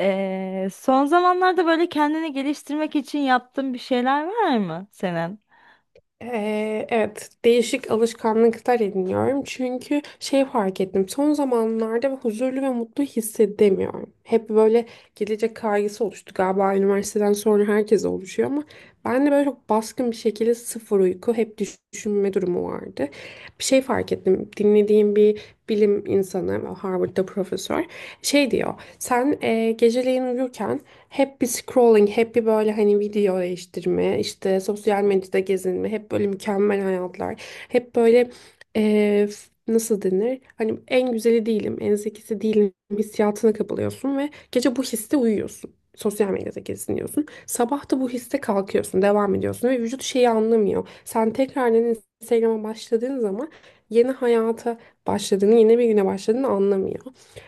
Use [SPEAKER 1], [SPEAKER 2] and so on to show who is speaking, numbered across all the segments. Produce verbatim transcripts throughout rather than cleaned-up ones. [SPEAKER 1] Ee, son zamanlarda böyle kendini geliştirmek için yaptığın bir şeyler var mı senin?
[SPEAKER 2] Ee, evet, değişik alışkanlıklar ediniyorum. Çünkü şey fark ettim. Son zamanlarda huzurlu ve mutlu hissedemiyorum. Hep böyle gelecek kaygısı oluştu galiba, üniversiteden sonra herkes oluşuyor ama ben de böyle çok baskın bir şekilde sıfır uyku, hep düşünme durumu vardı. Bir şey fark ettim. Dinlediğim bir bilim insanı, Harvard'da profesör, şey diyor. Sen e, geceleyin uyurken hep bir scrolling, hep bir böyle hani video değiştirme, işte sosyal medyada gezinme, hep böyle mükemmel hayatlar. Hep böyle eee, f- nasıl denir? Hani en güzeli değilim, en zekisi değilim hissiyatına kapılıyorsun ve gece bu hisse uyuyorsun. Sosyal medyada geziniyorsun. Sabah da bu hisse kalkıyorsun, devam ediyorsun ve vücut şeyi anlamıyor. Sen tekrardan Instagram'a başladığın zaman yeni hayata başladığını, yeni bir güne başladığını anlamıyor.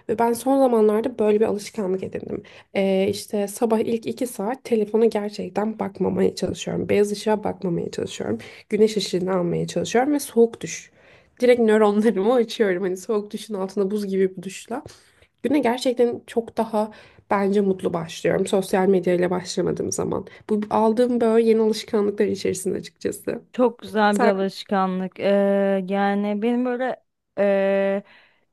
[SPEAKER 2] Ve ben son zamanlarda böyle bir alışkanlık edindim. Ee, işte sabah ilk iki saat telefona gerçekten bakmamaya çalışıyorum. Beyaz ışığa bakmamaya çalışıyorum. Güneş ışığını almaya çalışıyorum ve soğuk duş. Direkt nöronlarımı açıyorum. Hani soğuk duşun altında buz gibi bir duşla. Güne gerçekten çok daha bence mutlu başlıyorum. Sosyal medyayla başlamadığım zaman. Bu aldığım böyle yeni alışkanlıklar içerisinde açıkçası.
[SPEAKER 1] Çok güzel bir
[SPEAKER 2] Sen...
[SPEAKER 1] alışkanlık. Ee, yani benim böyle ee,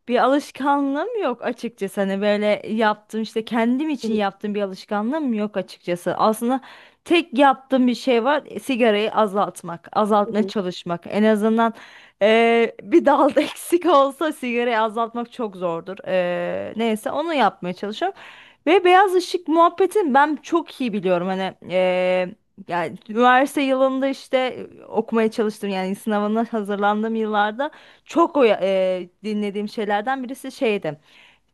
[SPEAKER 1] bir alışkanlığım yok açıkçası. Hani böyle yaptığım işte kendim için yaptığım bir alışkanlığım yok açıkçası. Aslında tek yaptığım bir şey var. e, Sigarayı azaltmak, azaltmaya çalışmak. En azından ee, bir dalda eksik olsa sigarayı azaltmak çok zordur. Ee, neyse onu yapmaya çalışıyorum. Ve beyaz ışık muhabbetini ben çok iyi biliyorum. Hani eee, yani üniversite yılında işte e, okumaya çalıştım, yani sınavına hazırlandığım yıllarda çok o eee, dinlediğim şeylerden birisi şeydi.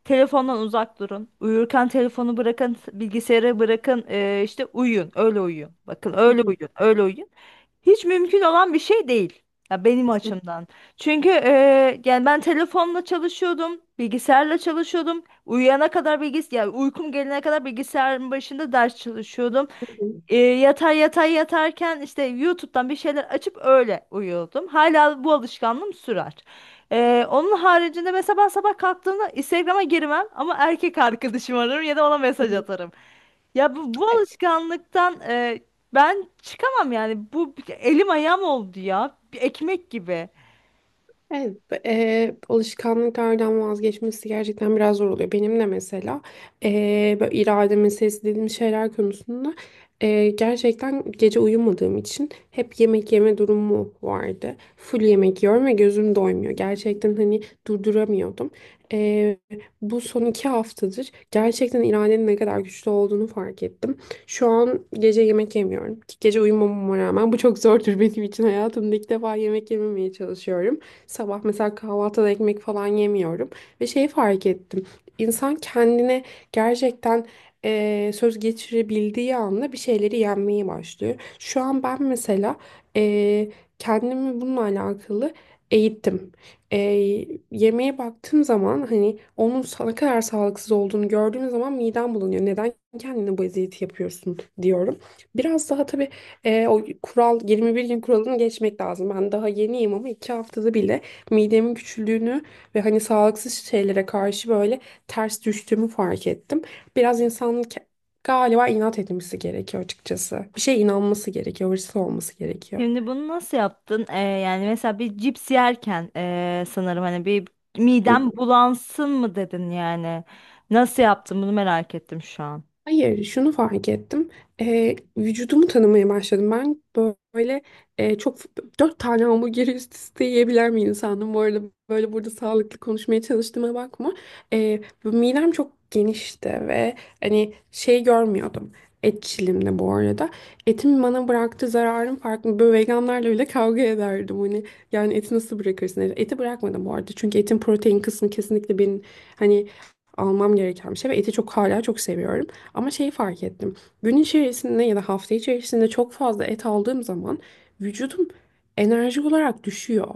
[SPEAKER 1] Telefondan uzak durun. Uyurken telefonu bırakın, bilgisayarı bırakın. eee, işte uyuyun, öyle uyuyun. Bakın
[SPEAKER 2] Hı
[SPEAKER 1] öyle
[SPEAKER 2] hı.
[SPEAKER 1] uyuyun, öyle uyuyun. Hiç mümkün olan bir şey değil. Ya benim
[SPEAKER 2] Hı
[SPEAKER 1] açımdan. Çünkü e, yani ben telefonla çalışıyordum, bilgisayarla çalışıyordum. Uyuyana kadar bilgis yani uykum gelene kadar bilgisayarın başında ders çalışıyordum.
[SPEAKER 2] hı.
[SPEAKER 1] E, yatar yatar yatarken işte YouTube'dan bir şeyler açıp öyle uyuyordum. Hala bu alışkanlığım sürer. E, onun haricinde mesela ben sabah kalktığımda Instagram'a girmem ama erkek arkadaşım ararım ya da ona
[SPEAKER 2] Hı
[SPEAKER 1] mesaj
[SPEAKER 2] hı.
[SPEAKER 1] atarım. Ya bu, bu
[SPEAKER 2] Evet.
[SPEAKER 1] alışkanlıktan e, ben çıkamam yani. Bu bir- elim ayağım oldu ya. Bir ekmek gibi.
[SPEAKER 2] Evet, e, alışkanlıklardan vazgeçmesi gerçekten biraz zor oluyor. Benim de mesela e, böyle irade meselesi dediğimiz şeyler konusunda e, gerçekten gece uyumadığım için hep yemek yeme durumu vardı. Full yemek yiyorum ve gözüm doymuyor. Gerçekten hani durduramıyordum. E, Bu son iki haftadır gerçekten iradenin ne kadar güçlü olduğunu fark ettim. Şu an gece yemek yemiyorum. Gece uyumamama rağmen bu çok zordur, benim için hayatımda ilk defa yemek yememeye çalışıyorum. Sabah mesela kahvaltıda ekmek falan yemiyorum. Ve şeyi fark ettim. İnsan kendine gerçekten eee, söz geçirebildiği anda bir şeyleri yenmeye başlıyor. Şu an ben mesela eee, kendimi bununla alakalı eğittim. Eee, yemeğe baktığım zaman hani onun sa- ne kadar sağlıksız olduğunu gördüğüm zaman midem bulanıyor. Neden kendine bu eziyeti yapıyorsun diyorum. Biraz daha tabii e, o kural, yirmi bir gün kuralını geçmek lazım. Ben daha yeniyim ama iki haftada bile midemin küçüldüğünü ve hani sağlıksız şeylere karşı böyle ters düştüğümü fark ettim. Biraz insanın ke- Galiba inat etmesi gerekiyor açıkçası. Bir şeye inanması gerekiyor, hırslı olması gerekiyor.
[SPEAKER 1] Şimdi bunu nasıl yaptın? E, yani mesela bir cips yerken e, sanırım hani bir midem bulansın mı dedin yani. Nasıl yaptın bunu, merak ettim şu an.
[SPEAKER 2] Hayır, şunu fark ettim. Ee, vücudumu tanımaya başladım. Ben böyle e, çok dört tane hamburgeri üst üste yiyebilen bir insandım. Bu arada böyle burada sağlıklı konuşmaya çalıştığıma bakma. Ee, bu midem çok genişti ve hani şey görmüyordum. Etçilimde bu arada. Etin bana bıraktığı zararın farkında. Böyle veganlarla bile kavga ederdim. Hani yani eti nasıl bırakırsın? Hani, eti bırakmadım bu arada. Çünkü etin protein kısmı kesinlikle benim hani almam gereken bir şey ve eti çok, hala çok seviyorum. Ama şeyi fark ettim. Gün içerisinde ya da hafta içerisinde çok fazla et aldığım zaman vücudum enerji olarak düşüyor.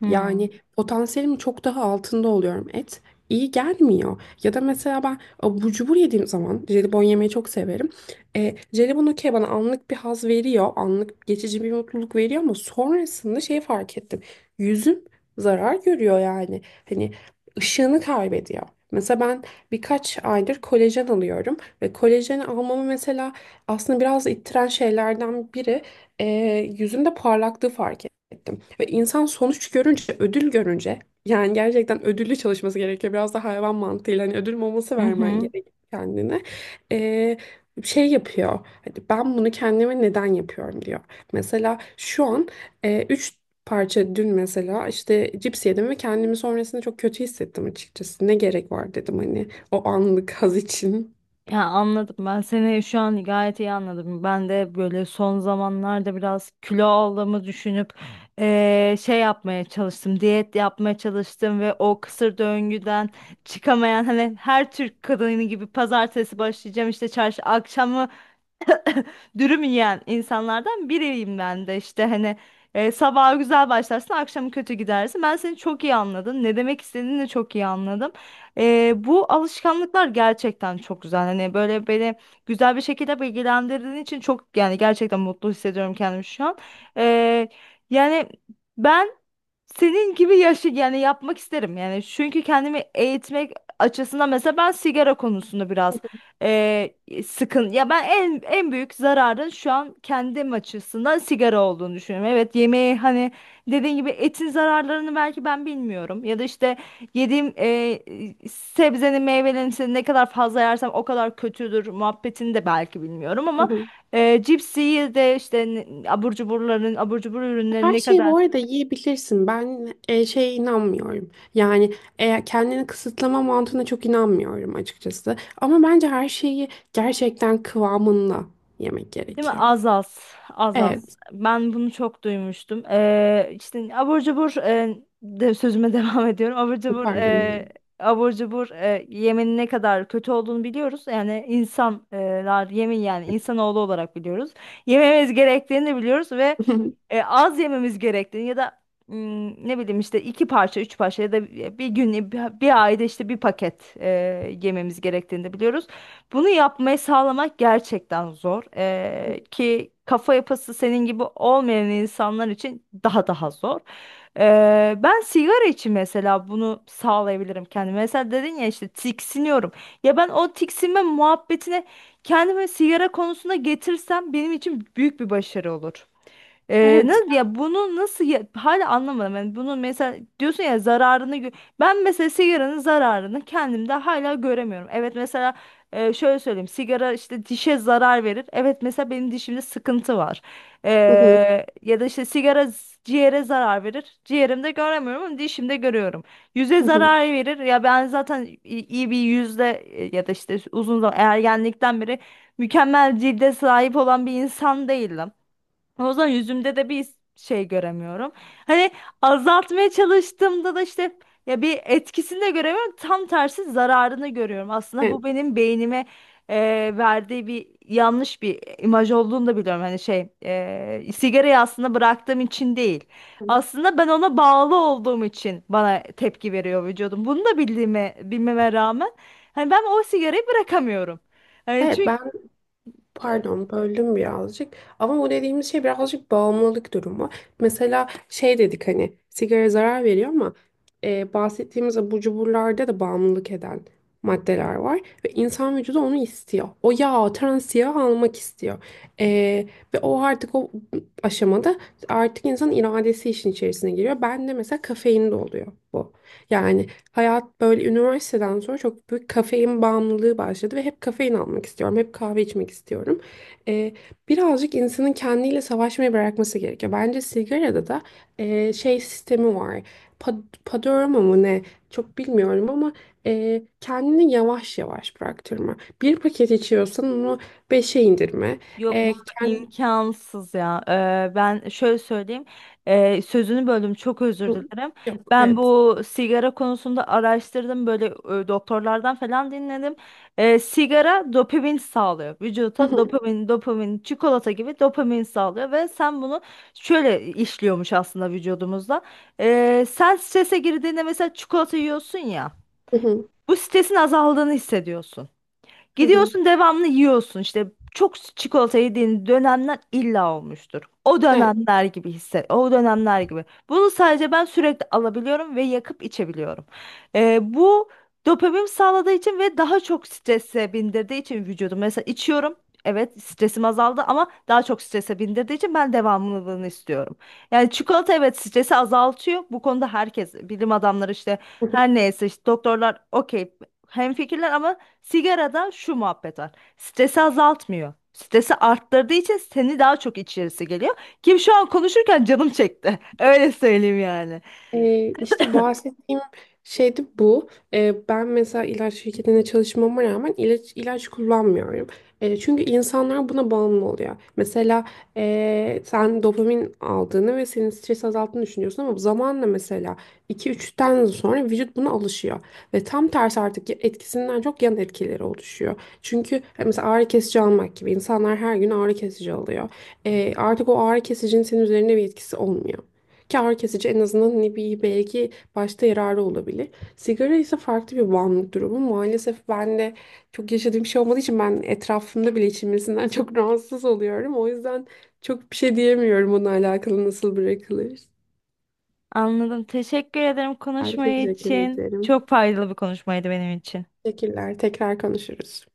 [SPEAKER 1] Hmm.
[SPEAKER 2] Yani potansiyelimin çok daha altında oluyorum. Et iyi gelmiyor. Ya da mesela ben abur cubur yediğim zaman jelibon yemeyi çok severim. E, jelibon okey bana anlık bir haz veriyor. Anlık geçici bir mutluluk veriyor ama sonrasında şeyi fark ettim. Yüzüm zarar görüyor yani. Hani ışığını kaybediyor. Mesela ben birkaç aydır kolajen alıyorum. Ve kolajen almamı mesela aslında biraz ittiren şeylerden biri, e, yüzümde parlaklığı fark ettim. Ve insan sonuç görünce, ödül görünce yani gerçekten ödüllü çalışması gerekiyor. Biraz da hayvan mantığıyla hani ödül maması
[SPEAKER 1] Hı
[SPEAKER 2] vermen
[SPEAKER 1] hı.
[SPEAKER 2] gerekiyor kendine. E, Şey yapıyor. Hani ben bunu kendime neden yapıyorum diyor. Mesela şu an e, üç parça dün mesela işte cips yedim ve kendimi sonrasında çok kötü hissettim açıkçası. Ne gerek var dedim hani o anlık haz için.
[SPEAKER 1] Ya anladım, ben seni şu an gayet iyi anladım. Ben de böyle son zamanlarda biraz kilo aldığımı düşünüp eee, şey yapmaya çalıştım. Diyet yapmaya çalıştım ve o kısır döngüden çıkamayan, hani her Türk kadını gibi pazartesi başlayacağım, işte çarşı akşamı dürüm yiyen insanlardan biriyim ben de, işte hani e, sabaha güzel başlarsın, akşamı kötü gidersin. Ben seni çok iyi anladım. Ne demek istediğini de çok iyi anladım. E, bu alışkanlıklar gerçekten çok güzel. Hani böyle beni güzel bir şekilde bilgilendirdiğin için çok, yani gerçekten mutlu hissediyorum kendimi şu an. E, Yani ben senin gibi yaşı yani yapmak isterim yani, çünkü kendimi eğitmek açısından mesela ben sigara konusunda biraz eee, sıkın ya, ben en en büyük zararın şu an kendim açısından sigara olduğunu düşünüyorum. Evet, yemeği hani dediğin gibi etin zararlarını belki ben bilmiyorum ya da işte yediğim eee, sebzenin, meyvelerin işte ne kadar fazla yersem o kadar kötüdür muhabbetini de belki bilmiyorum
[SPEAKER 2] Hı
[SPEAKER 1] ama
[SPEAKER 2] hı.
[SPEAKER 1] eee cipsi de işte ne- abur cuburların, abur cubur ürünleri
[SPEAKER 2] Her
[SPEAKER 1] ne
[SPEAKER 2] şeyi bu
[SPEAKER 1] kadar.
[SPEAKER 2] arada yiyebilirsin. Ben e, şeye inanmıyorum. Yani eğer kendini kısıtlama mantığına çok inanmıyorum açıkçası. Ama bence her şeyi gerçekten kıvamında yemek
[SPEAKER 1] Değil mi?
[SPEAKER 2] gerekiyor.
[SPEAKER 1] Az az. Az az.
[SPEAKER 2] Evet.
[SPEAKER 1] Ben bunu çok duymuştum. Ee, işte abur cubur e, de sözüme devam ediyorum. Abur cubur
[SPEAKER 2] Pardon.
[SPEAKER 1] e, abur cubur e, yemenin ne kadar kötü olduğunu biliyoruz. Yani insanlar e, yemin yani insanoğlu olarak biliyoruz. Yememiz gerektiğini de biliyoruz ve
[SPEAKER 2] evet.
[SPEAKER 1] e, az yememiz gerektiğini ya da mm, ne bileyim işte iki parça, üç parça ya da bir gün bir, bir ayda işte bir paket e, yememiz gerektiğini de biliyoruz. Bunu yapmayı sağlamak gerçekten zor. Ee, ki kafa yapısı senin gibi olmayan insanlar için daha daha zor. Ee, ben sigara için mesela bunu sağlayabilirim kendime. Mesela dedin ya işte, tiksiniyorum. Ya ben o tiksinme muhabbetine kendimi sigara konusunda getirsem benim için büyük bir başarı olur. Ee,
[SPEAKER 2] Evet.
[SPEAKER 1] nasıl ya Bunu nasıl ya- hala anlamadım. Yani bunu mesela diyorsun ya, zararını gö- ben mesela sigaranın zararını kendimde hala göremiyorum. Evet mesela e, şöyle söyleyeyim, sigara işte dişe zarar verir. Evet mesela benim dişimde sıkıntı var.
[SPEAKER 2] Hı
[SPEAKER 1] Ee,
[SPEAKER 2] hı.
[SPEAKER 1] Ya da işte sigara z- ciğere zarar verir. Ciğerimde göremiyorum ama dişimde görüyorum. Yüze
[SPEAKER 2] Hı hı.
[SPEAKER 1] zarar verir. Ya ben zaten i- iyi bir yüzde e, ya da işte uzun zaman, ergenlikten beri mükemmel cilde sahip olan bir insan değildim. O zaman yüzümde de bir şey göremiyorum. Hani azaltmaya çalıştığımda da işte ya bir etkisini de göremiyorum. Tam tersi zararını görüyorum. Aslında
[SPEAKER 2] Evet.
[SPEAKER 1] bu benim beynime e, verdiği bir yanlış bir imaj olduğunu da biliyorum. Hani şey e, sigarayı aslında bıraktığım için değil. Aslında ben ona bağlı olduğum için bana tepki veriyor vücudum. Bunu da bildiğime, bilmeme rağmen hani ben o sigarayı bırakamıyorum. Hani
[SPEAKER 2] Evet,
[SPEAKER 1] çünkü
[SPEAKER 2] ben pardon böldüm birazcık ama bu dediğimiz şey birazcık bağımlılık durumu. Mesela şey dedik hani sigara zarar veriyor ama e, bahsettiğimiz abur cuburlarda da bağımlılık eden maddeler var ve insan vücudu onu istiyor. O yağ, trans yağ almak istiyor. E, Ve o artık o aşamada artık insanın iradesi işin içerisine giriyor. Ben de mesela kafeinde oluyor bu. Yani hayat böyle üniversiteden sonra çok büyük kafein bağımlılığı başladı ve hep kafein almak istiyorum, hep kahve içmek istiyorum. Ee, Birazcık insanın kendiyle savaşmayı bırakması gerekiyor. Bence sigarada da e, şey sistemi var. Pa- Padorama mı ne? Çok bilmiyorum ama e, kendini yavaş yavaş bıraktırma. Bir paket içiyorsan onu beşe indirme. E, kend-
[SPEAKER 1] İmkansız ya. Ee, ben şöyle söyleyeyim. Ee, sözünü böldüm, çok özür dilerim.
[SPEAKER 2] Yok,
[SPEAKER 1] Ben
[SPEAKER 2] evet.
[SPEAKER 1] bu sigara konusunda araştırdım. Böyle e, doktorlardan falan dinledim. Ee, sigara dopamin sağlıyor.
[SPEAKER 2] Hı
[SPEAKER 1] Vücuda
[SPEAKER 2] hı,
[SPEAKER 1] dopamin, dopamin, çikolata gibi dopamin sağlıyor. Ve sen bunu şöyle işliyormuş aslında vücudumuzda. Ee, sen strese girdiğinde mesela çikolata yiyorsun ya.
[SPEAKER 2] hı hı,
[SPEAKER 1] Bu stresin azaldığını hissediyorsun.
[SPEAKER 2] hı hı.
[SPEAKER 1] Gidiyorsun devamlı yiyorsun, işte çok çikolata yediğin dönemler illa olmuştur. O
[SPEAKER 2] Evet.
[SPEAKER 1] dönemler gibi hisset, o dönemler gibi. Bunu sadece ben sürekli alabiliyorum ve yakıp içebiliyorum. Ee, bu dopamin sağladığı için ve daha çok strese bindirdiği için vücudum. Mesela içiyorum. Evet stresim azaldı ama daha çok strese bindirdiği için ben devamlılığını istiyorum. Yani çikolata, evet, stresi azaltıyor. Bu konuda herkes, bilim adamları işte her neyse, işte doktorlar, okey, hemfikirler, ama sigarada şu muhabbet var. Stresi azaltmıyor. Stresi arttırdığı için seni daha çok içerisi geliyor. Kim şu an konuşurken canım çekti. Öyle söyleyeyim yani.
[SPEAKER 2] Ee, işte bahsettiğim şey de bu. Ee, ben mesela ilaç şirketinde çalışmama rağmen ilaç ilaç kullanmıyorum. Ee, çünkü insanlar buna bağımlı oluyor. Mesela ee, sen dopamin aldığını ve senin stres azalttığını düşünüyorsun ama zamanla mesela iki üçten sonra vücut buna alışıyor. Ve tam tersi artık etkisinden çok yan etkileri oluşuyor. Çünkü e, mesela ağrı kesici almak gibi insanlar her gün ağrı kesici alıyor. Ee, artık o ağrı kesicinin senin üzerinde bir etkisi olmuyor. Kâr kesici, en azından ne bir belki başta yararı olabilir. Sigara ise farklı bir bağımlılık durumu. Maalesef ben de çok yaşadığım bir şey olmadığı için ben etrafımda bile içilmesinden çok rahatsız oluyorum. O yüzden çok bir şey diyemiyorum bununla alakalı nasıl bırakılır.
[SPEAKER 1] Anladım. Teşekkür ederim
[SPEAKER 2] Ben
[SPEAKER 1] konuşmayı
[SPEAKER 2] teşekkür
[SPEAKER 1] için.
[SPEAKER 2] ederim.
[SPEAKER 1] Çok faydalı bir konuşmaydı benim için.
[SPEAKER 2] Teşekkürler. Tekrar konuşuruz.